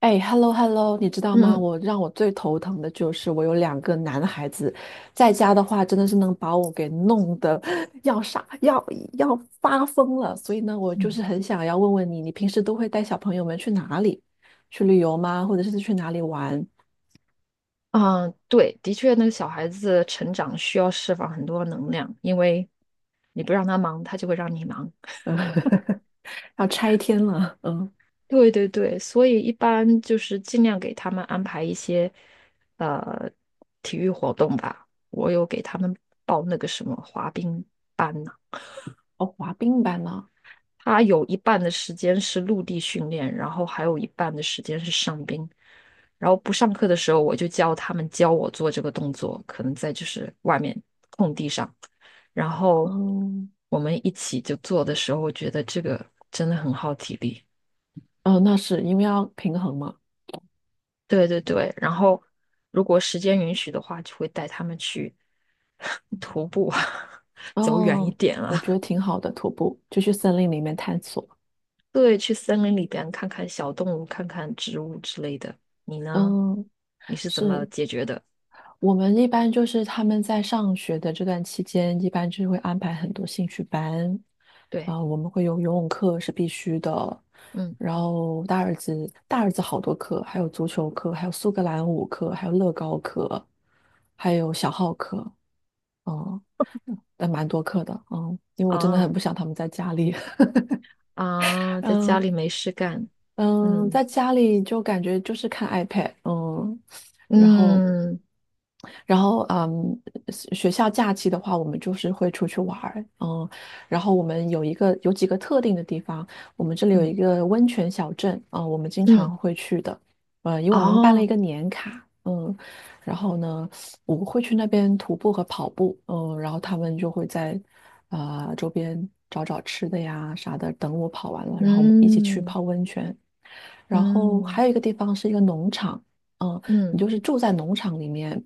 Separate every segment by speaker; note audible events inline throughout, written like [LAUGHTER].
Speaker 1: 哎，hello hello，你知道
Speaker 2: 嗯
Speaker 1: 吗？
Speaker 2: 嗯
Speaker 1: 让我最头疼的就是我有两个男孩子，在家的话真的是能把我给弄得 [LAUGHS] 要傻要要发疯了。所以呢，我就是
Speaker 2: 嗯，
Speaker 1: 很想要问问你，你平时都会带小朋友们去哪里？去旅游吗？或者是去哪里玩？
Speaker 2: 啊，对，的确，那个小孩子成长需要释放很多能量，因为你不让他忙，他就会让你忙。
Speaker 1: 嗯，[LAUGHS] 要拆天了。嗯，
Speaker 2: 对对对，所以一般就是尽量给他们安排一些呃体育活动吧。我有给他们报那个什么滑冰班呢，
Speaker 1: 哦，滑冰板呢？
Speaker 2: 他有一半的时间是陆地训练，然后还有一半的时间是上冰。然后不上课的时候，我就教他们教我做这个动作，可能在就是外面空地上。然后
Speaker 1: 嗯，
Speaker 2: 我们一起就做的时候，我觉得这个真的很耗体力。
Speaker 1: 哦，那是因为要平衡嘛。
Speaker 2: 对对对，然后如果时间允许的话，就会带他们去 [LAUGHS] 徒步啊，[LAUGHS] 走远一
Speaker 1: 哦，
Speaker 2: 点
Speaker 1: 我觉得
Speaker 2: 啊。
Speaker 1: 挺好的，徒步就去森林里面探索。
Speaker 2: [LAUGHS] 对，去森林里边看看小动物，看看植物之类的。你呢？
Speaker 1: 嗯，
Speaker 2: 你是怎么
Speaker 1: 是。
Speaker 2: 解决的？
Speaker 1: 我们一般就是他们在上学的这段期间，一般就是会安排很多兴趣班，
Speaker 2: 对，
Speaker 1: 啊、我们会有游泳课是必须的，
Speaker 2: 嗯，
Speaker 1: 然后大儿子好多课，还有足球课，还有苏格兰舞课，还有乐高课，还有小号课，嗯，但蛮多课的，嗯，因为我真的
Speaker 2: 啊
Speaker 1: 很不想他们在家里，[LAUGHS]
Speaker 2: 啊，在家
Speaker 1: 嗯。
Speaker 2: 里没事干，
Speaker 1: 嗯，
Speaker 2: 嗯
Speaker 1: 在家里就感觉就是看 iPad，嗯，然后，
Speaker 2: 嗯
Speaker 1: 然后，嗯，学校假期的话，我们就是会出去玩儿，嗯，然后我们有几个特定的地方，我们这里有一
Speaker 2: 嗯
Speaker 1: 个温泉小镇，啊、我们经
Speaker 2: 嗯，
Speaker 1: 常会去的，因为我们办了一
Speaker 2: 哦，
Speaker 1: 个年卡，嗯，然后呢，我们会去那边徒步和跑步，嗯，然后他们就会在啊、周边找找吃的呀啥的，等我跑完了，然后我们一起去
Speaker 2: 嗯
Speaker 1: 泡温泉。然后
Speaker 2: 嗯。
Speaker 1: 还有一个地方是一个农场，嗯，你
Speaker 2: 嗯
Speaker 1: 就是住在农场里面，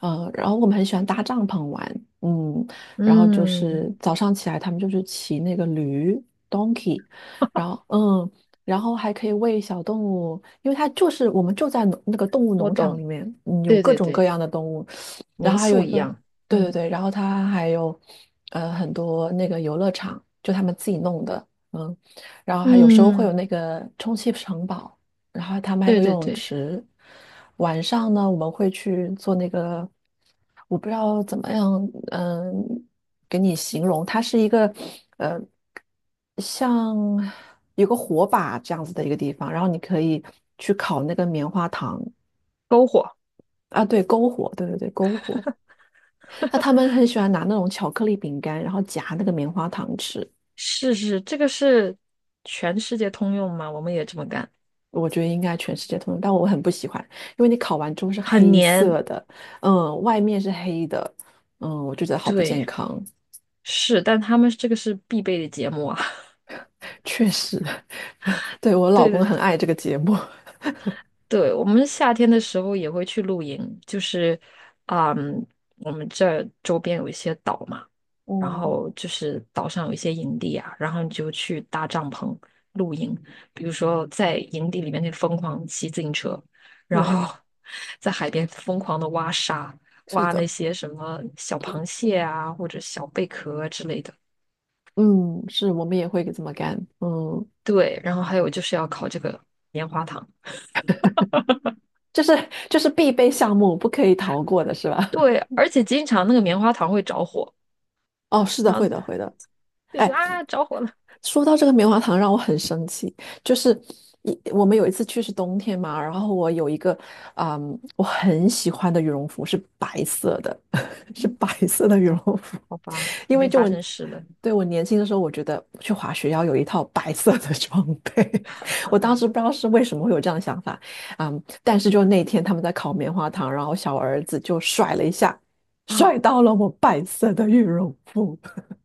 Speaker 1: 然后我们很喜欢搭帐篷玩，嗯，然后就
Speaker 2: 嗯，
Speaker 1: 是早上起来他们就是骑那个驴 donkey，然后嗯，然后还可以喂小动物，因为它就是我们就在那个动物
Speaker 2: 我
Speaker 1: 农场
Speaker 2: 懂，
Speaker 1: 里面，嗯，有
Speaker 2: 对
Speaker 1: 各
Speaker 2: 对
Speaker 1: 种各
Speaker 2: 对，
Speaker 1: 样的动物，然
Speaker 2: 民
Speaker 1: 后还有
Speaker 2: 宿
Speaker 1: 一
Speaker 2: 一
Speaker 1: 个，
Speaker 2: 样，
Speaker 1: 对对
Speaker 2: 嗯
Speaker 1: 对，然后它还有很多那个游乐场，就他们自己弄的，嗯，然后还有时候会有
Speaker 2: 嗯，
Speaker 1: 那个充气 [LAUGHS] 城堡。然后他们还有
Speaker 2: 对
Speaker 1: 个游
Speaker 2: 对
Speaker 1: 泳
Speaker 2: 对，
Speaker 1: 池。晚上呢，我们会去做那个，我不知道怎么样，嗯，给你形容，它是一个，呃，像有个火把这样子的一个地方，然后你可以去烤那个棉花糖
Speaker 2: 篝火，
Speaker 1: 啊，对，篝火，对对对，篝火。那他们很喜欢拿那种巧克力饼干，然后夹那个棉花糖吃。
Speaker 2: 是是，这个是全世界通用嘛，我们也这么干，
Speaker 1: 我觉得应该全世界通用，但我很不喜欢，因为你烤完之后是
Speaker 2: 很
Speaker 1: 黑
Speaker 2: 黏，
Speaker 1: 色的，嗯，外面是黑的，嗯，我就觉得好不健
Speaker 2: 对，
Speaker 1: 康。
Speaker 2: 是，但他们这个是必备的节目啊，
Speaker 1: 确实，[LAUGHS] 对，我
Speaker 2: [LAUGHS]
Speaker 1: 老
Speaker 2: 对
Speaker 1: 公很
Speaker 2: 对
Speaker 1: 爱这个节目，
Speaker 2: 对，我们夏天的时候也会去露营，就是，嗯，我们这儿周边有一些岛嘛，然
Speaker 1: 嗯，
Speaker 2: 后就是岛上有一些营地啊，然后你就去搭帐篷露营，比如说在营地里面那疯狂骑自行车，然
Speaker 1: 对，
Speaker 2: 后 [LAUGHS] 在海边疯狂的挖沙，
Speaker 1: 是
Speaker 2: 挖那
Speaker 1: 的，
Speaker 2: 些什么小螃蟹啊或者小贝壳啊之类的。
Speaker 1: 嗯，是我们也会这么干，嗯，
Speaker 2: 对，然后还有就是要烤这个棉花糖，
Speaker 1: 就是就是必备项目，不可以逃过的是吧？
Speaker 2: 对，而且经常那个棉花糖会着火。
Speaker 1: [LAUGHS] 哦，是的，
Speaker 2: 然
Speaker 1: 会
Speaker 2: 后。
Speaker 1: 的，会的。
Speaker 2: 对，就
Speaker 1: 哎。
Speaker 2: 啊着火了。
Speaker 1: 说到这个棉花糖，让我很生气。就是我们有一次去是冬天嘛，然后我有一个，我很喜欢的羽绒服是白色的，[LAUGHS] 是
Speaker 2: 嗯，
Speaker 1: 白色的羽绒服，
Speaker 2: 好吧，
Speaker 1: [LAUGHS] 因
Speaker 2: 肯
Speaker 1: 为
Speaker 2: 定发生事了
Speaker 1: 对，我年轻的时候，我觉得去滑雪要有一套白色的装备。[LAUGHS] 我当时不知道是为什么会有这样的想法，嗯，但是就那天他们在烤棉花糖，然后小儿子就甩了一下，甩
Speaker 2: 啊，
Speaker 1: 到了我白色的羽绒服，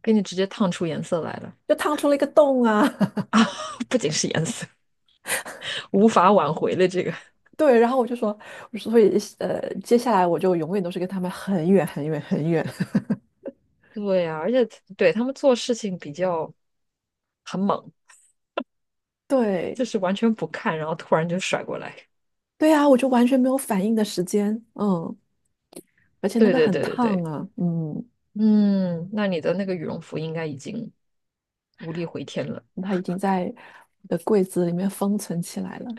Speaker 2: 给你直接烫出颜色来了
Speaker 1: [LAUGHS] 就烫出了一个洞啊。
Speaker 2: 啊！[LAUGHS] 不仅是颜色，无法挽回了这个。
Speaker 1: 对，然后我就说，所以接下来我就永远都是跟他们很远很远很远。[LAUGHS]
Speaker 2: 对呀、而且对他们做事情比较很猛，
Speaker 1: 对，
Speaker 2: 就是完全不看，然后突然就甩过来。
Speaker 1: 对啊，我就完全没有反应的时间，嗯，而且那
Speaker 2: 对
Speaker 1: 个
Speaker 2: 对
Speaker 1: 很
Speaker 2: 对对
Speaker 1: 烫
Speaker 2: 对，
Speaker 1: 啊，嗯，
Speaker 2: 嗯，那你的那个羽绒服应该已经无力回天了。
Speaker 1: 它已经在我的柜子里面封存起来了。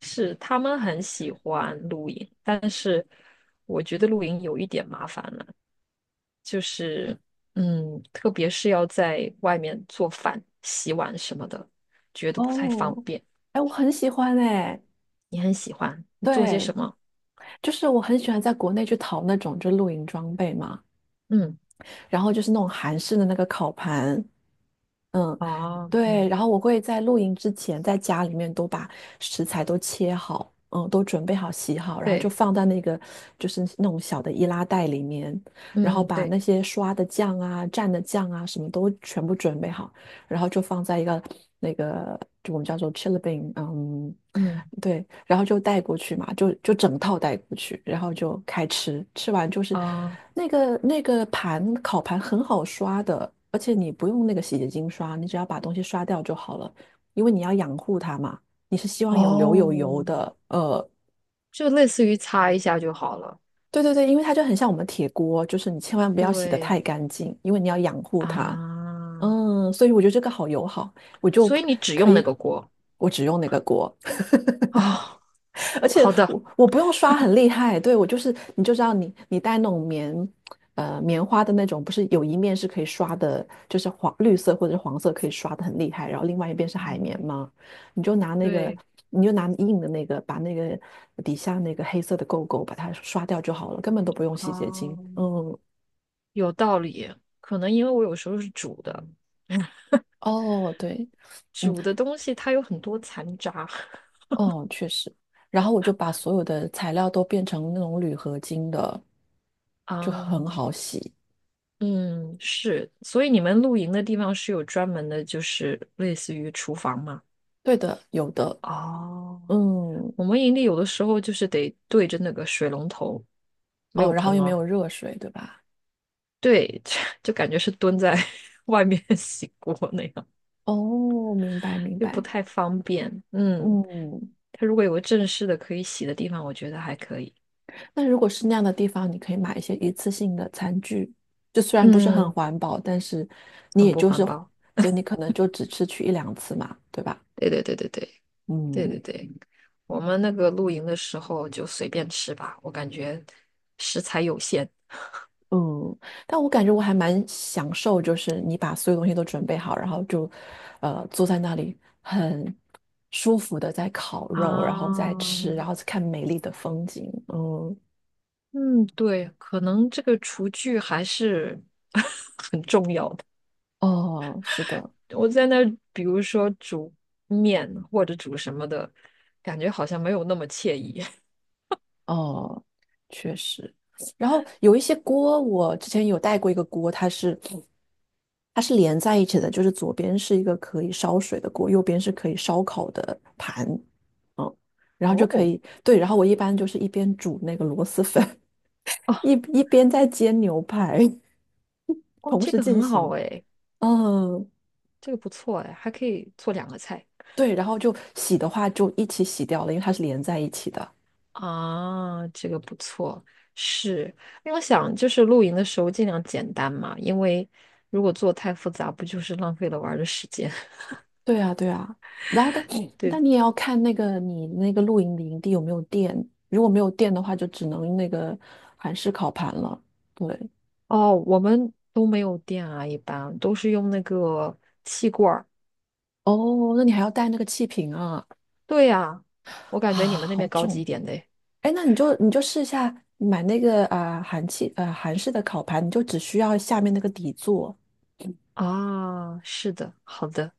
Speaker 2: 是他们很喜欢露营，但是我觉得露营有一点麻烦了。就是特别是要在外面做饭、洗碗什么的，觉得不太方
Speaker 1: 哦，
Speaker 2: 便。
Speaker 1: 哎，我很喜欢哎，
Speaker 2: 你很喜欢，你做些
Speaker 1: 对，
Speaker 2: 什么？
Speaker 1: 就是我很喜欢在国内去淘那种就露营装备嘛，
Speaker 2: 嗯，
Speaker 1: 然后就是那种韩式的那个烤盘，嗯，
Speaker 2: 啊，
Speaker 1: 对，然
Speaker 2: 嗯，
Speaker 1: 后我会在露营之前在家里面都把食材都切好，嗯，都准备好洗好，然后就
Speaker 2: 对，
Speaker 1: 放在那个就是那种小的易拉袋里面，然后
Speaker 2: 嗯，
Speaker 1: 把那
Speaker 2: 对，
Speaker 1: 些刷的酱啊、蘸的酱啊什么都全部准备好，然后就放在一个那个就我们叫做 chili bean，嗯，
Speaker 2: 嗯，
Speaker 1: 对，然后就带过去嘛，就整套带过去，然后就开吃，吃完就是
Speaker 2: 啊，
Speaker 1: 那个烤盘很好刷的，而且你不用那个洗洁精刷，你只要把东西刷掉就好了，因为你要养护它嘛，你是希望有留有油
Speaker 2: 哦，
Speaker 1: 的。
Speaker 2: 就类似于擦一下就好了。
Speaker 1: 对对对，因为它就很像我们铁锅，就是你千万不要洗得
Speaker 2: 对
Speaker 1: 太干净，因为你要养护它。
Speaker 2: 啊，
Speaker 1: 嗯，所以我觉得这个好友好，我就
Speaker 2: 所以你只
Speaker 1: 可
Speaker 2: 用那
Speaker 1: 以，
Speaker 2: 个锅
Speaker 1: 我只用那个锅，[LAUGHS]
Speaker 2: 哦。
Speaker 1: 而且
Speaker 2: 好的，
Speaker 1: 我不用刷很厉害，对，我就是你就知道你带那种棉花的那种，不是有一面是可以刷的，就是黄绿色或者是黄色可以刷的很厉害，然后另外一边是海绵嘛，你就拿那个
Speaker 2: 对，
Speaker 1: 你就拿硬的那个，把那个底下那个黑色的垢垢把它刷掉就好了，根本都不用洗洁
Speaker 2: 啊，
Speaker 1: 精。嗯，
Speaker 2: 有道理。可能因为我有时候是煮的，
Speaker 1: 哦，对。嗯。
Speaker 2: 煮的东西它有很多残渣。
Speaker 1: 哦，确实。然后我就把所有的材料都变成那种铝合金的，就很
Speaker 2: 嗯
Speaker 1: 好洗。
Speaker 2: 嗯，是，所以你们露营的地方是有专门的，就是类似于厨房嘛？
Speaker 1: 对的，有的。
Speaker 2: 哦，
Speaker 1: 嗯，
Speaker 2: 我们营地有的时候就是得对着那个水龙头，没
Speaker 1: 哦，
Speaker 2: 有
Speaker 1: 然
Speaker 2: 盆
Speaker 1: 后又没
Speaker 2: 哦，
Speaker 1: 有热水，对吧？
Speaker 2: 对，[LAUGHS] 就感觉是蹲在 [LAUGHS] 外面 [LAUGHS] 洗锅那样，
Speaker 1: 哦，明白明
Speaker 2: 又不
Speaker 1: 白。
Speaker 2: 太方便。嗯，
Speaker 1: 嗯，
Speaker 2: 它如果有个正式的可以洗的地方，我觉得还可以。
Speaker 1: 那如果是那样的地方，你可以买一些一次性的餐具，就虽然不是很
Speaker 2: 嗯，
Speaker 1: 环保，但是你
Speaker 2: 很
Speaker 1: 也
Speaker 2: 不
Speaker 1: 就
Speaker 2: 环
Speaker 1: 是，
Speaker 2: 保。
Speaker 1: 对，你可能就只吃去一两次嘛，对吧？
Speaker 2: 对对对对对。对
Speaker 1: 嗯，
Speaker 2: 对对，我们那个露营的时候就随便吃吧，我感觉食材有限
Speaker 1: 嗯，但我感觉我还蛮享受，就是你把所有东西都准备好，然后就，坐在那里很舒服的在烤肉，然后
Speaker 2: 啊。
Speaker 1: 再吃，然后再看美丽的风景。嗯，
Speaker 2: 嗯，对，可能这个厨具还是 [LAUGHS]
Speaker 1: 哦，是的，
Speaker 2: 我在那儿，比如说煮面或者煮什么的，感觉好像没有那么惬意。[LAUGHS]
Speaker 1: 哦，确实。然后有一些锅，我之前有带过一个锅，它是连在一起的，就是左边是一个可以烧水的锅，右边是可以烧烤的盘，然后就可
Speaker 2: 哦
Speaker 1: 以，对，然后我一般就是一边煮那个螺蛳粉。
Speaker 2: 哦
Speaker 1: 一一边在煎牛排，[LAUGHS]
Speaker 2: 哦，
Speaker 1: 同
Speaker 2: 这
Speaker 1: 时
Speaker 2: 个
Speaker 1: 进
Speaker 2: 很好
Speaker 1: 行。
Speaker 2: 哎，
Speaker 1: 嗯，
Speaker 2: 这个不错哎，还可以做两个菜。
Speaker 1: 对，然后就洗的话就一起洗掉了，因为它是连在一起的。
Speaker 2: 啊，这个不错，是因为我想就是露营的时候尽量简单嘛，因为如果做太复杂，不就是浪费了玩儿的时间？
Speaker 1: 对啊，对啊。然后
Speaker 2: [LAUGHS]
Speaker 1: [CLEARS THROAT]
Speaker 2: 对，
Speaker 1: 但你也要看那个你那个露营的营地有没有电，如果没有电的话，就只能那个韩式烤盘了。对，
Speaker 2: 哦，我们都没有电啊，一般都是用那个气罐儿。
Speaker 1: 哦，那你还要带那个气瓶啊，
Speaker 2: 对呀，我
Speaker 1: 啊，
Speaker 2: 感觉你们那
Speaker 1: 好
Speaker 2: 边高级
Speaker 1: 重。
Speaker 2: 一点的诶
Speaker 1: 哎，那你就试一下买那个韩式的烤盘，你就只需要下面那个底座。
Speaker 2: 啊，是的，好的，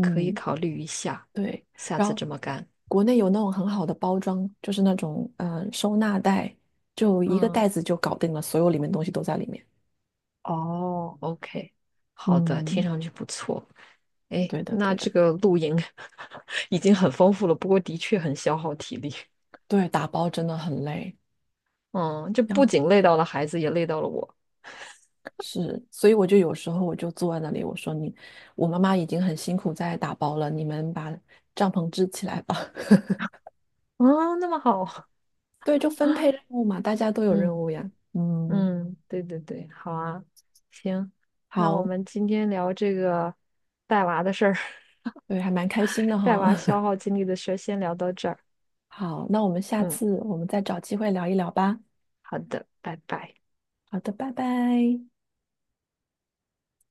Speaker 2: 可以考虑一下，
Speaker 1: 对，
Speaker 2: 下
Speaker 1: 然
Speaker 2: 次
Speaker 1: 后
Speaker 2: 这么干。
Speaker 1: 国内有那种很好的包装，就是那种收纳袋，就一个
Speaker 2: 嗯，
Speaker 1: 袋子就搞定了，所有里面东西都在里面。
Speaker 2: 哦，OK，好的，听
Speaker 1: 嗯，
Speaker 2: 上去不错。哎，
Speaker 1: 对的，
Speaker 2: 那
Speaker 1: 对
Speaker 2: 这
Speaker 1: 的，
Speaker 2: 个露营 [LAUGHS] 已经很丰富了，不过的确很消耗体力。
Speaker 1: 对，打包真的很累。
Speaker 2: 嗯，这
Speaker 1: 然
Speaker 2: 不
Speaker 1: 后
Speaker 2: 仅累到了孩子，也累到了我。
Speaker 1: 是，所以有时候我就坐在那里，我说你，我妈妈已经很辛苦在打包了，你们把帐篷支起来吧。[LAUGHS]
Speaker 2: 啊，那么好，
Speaker 1: 对，就分配任务嘛，大家都有任
Speaker 2: 嗯
Speaker 1: 务呀。嗯，
Speaker 2: 嗯，对对对，好啊，行，那我
Speaker 1: 好，
Speaker 2: 们今天聊这个带娃的事儿，
Speaker 1: 对，还蛮开心的
Speaker 2: [LAUGHS] 带娃消
Speaker 1: 哈。
Speaker 2: 耗精力的事儿，先聊到这儿。
Speaker 1: [LAUGHS] 好，那我们下
Speaker 2: 嗯，
Speaker 1: 次我们再找机会聊一聊吧。
Speaker 2: 好的，拜拜。
Speaker 1: 好的，拜拜。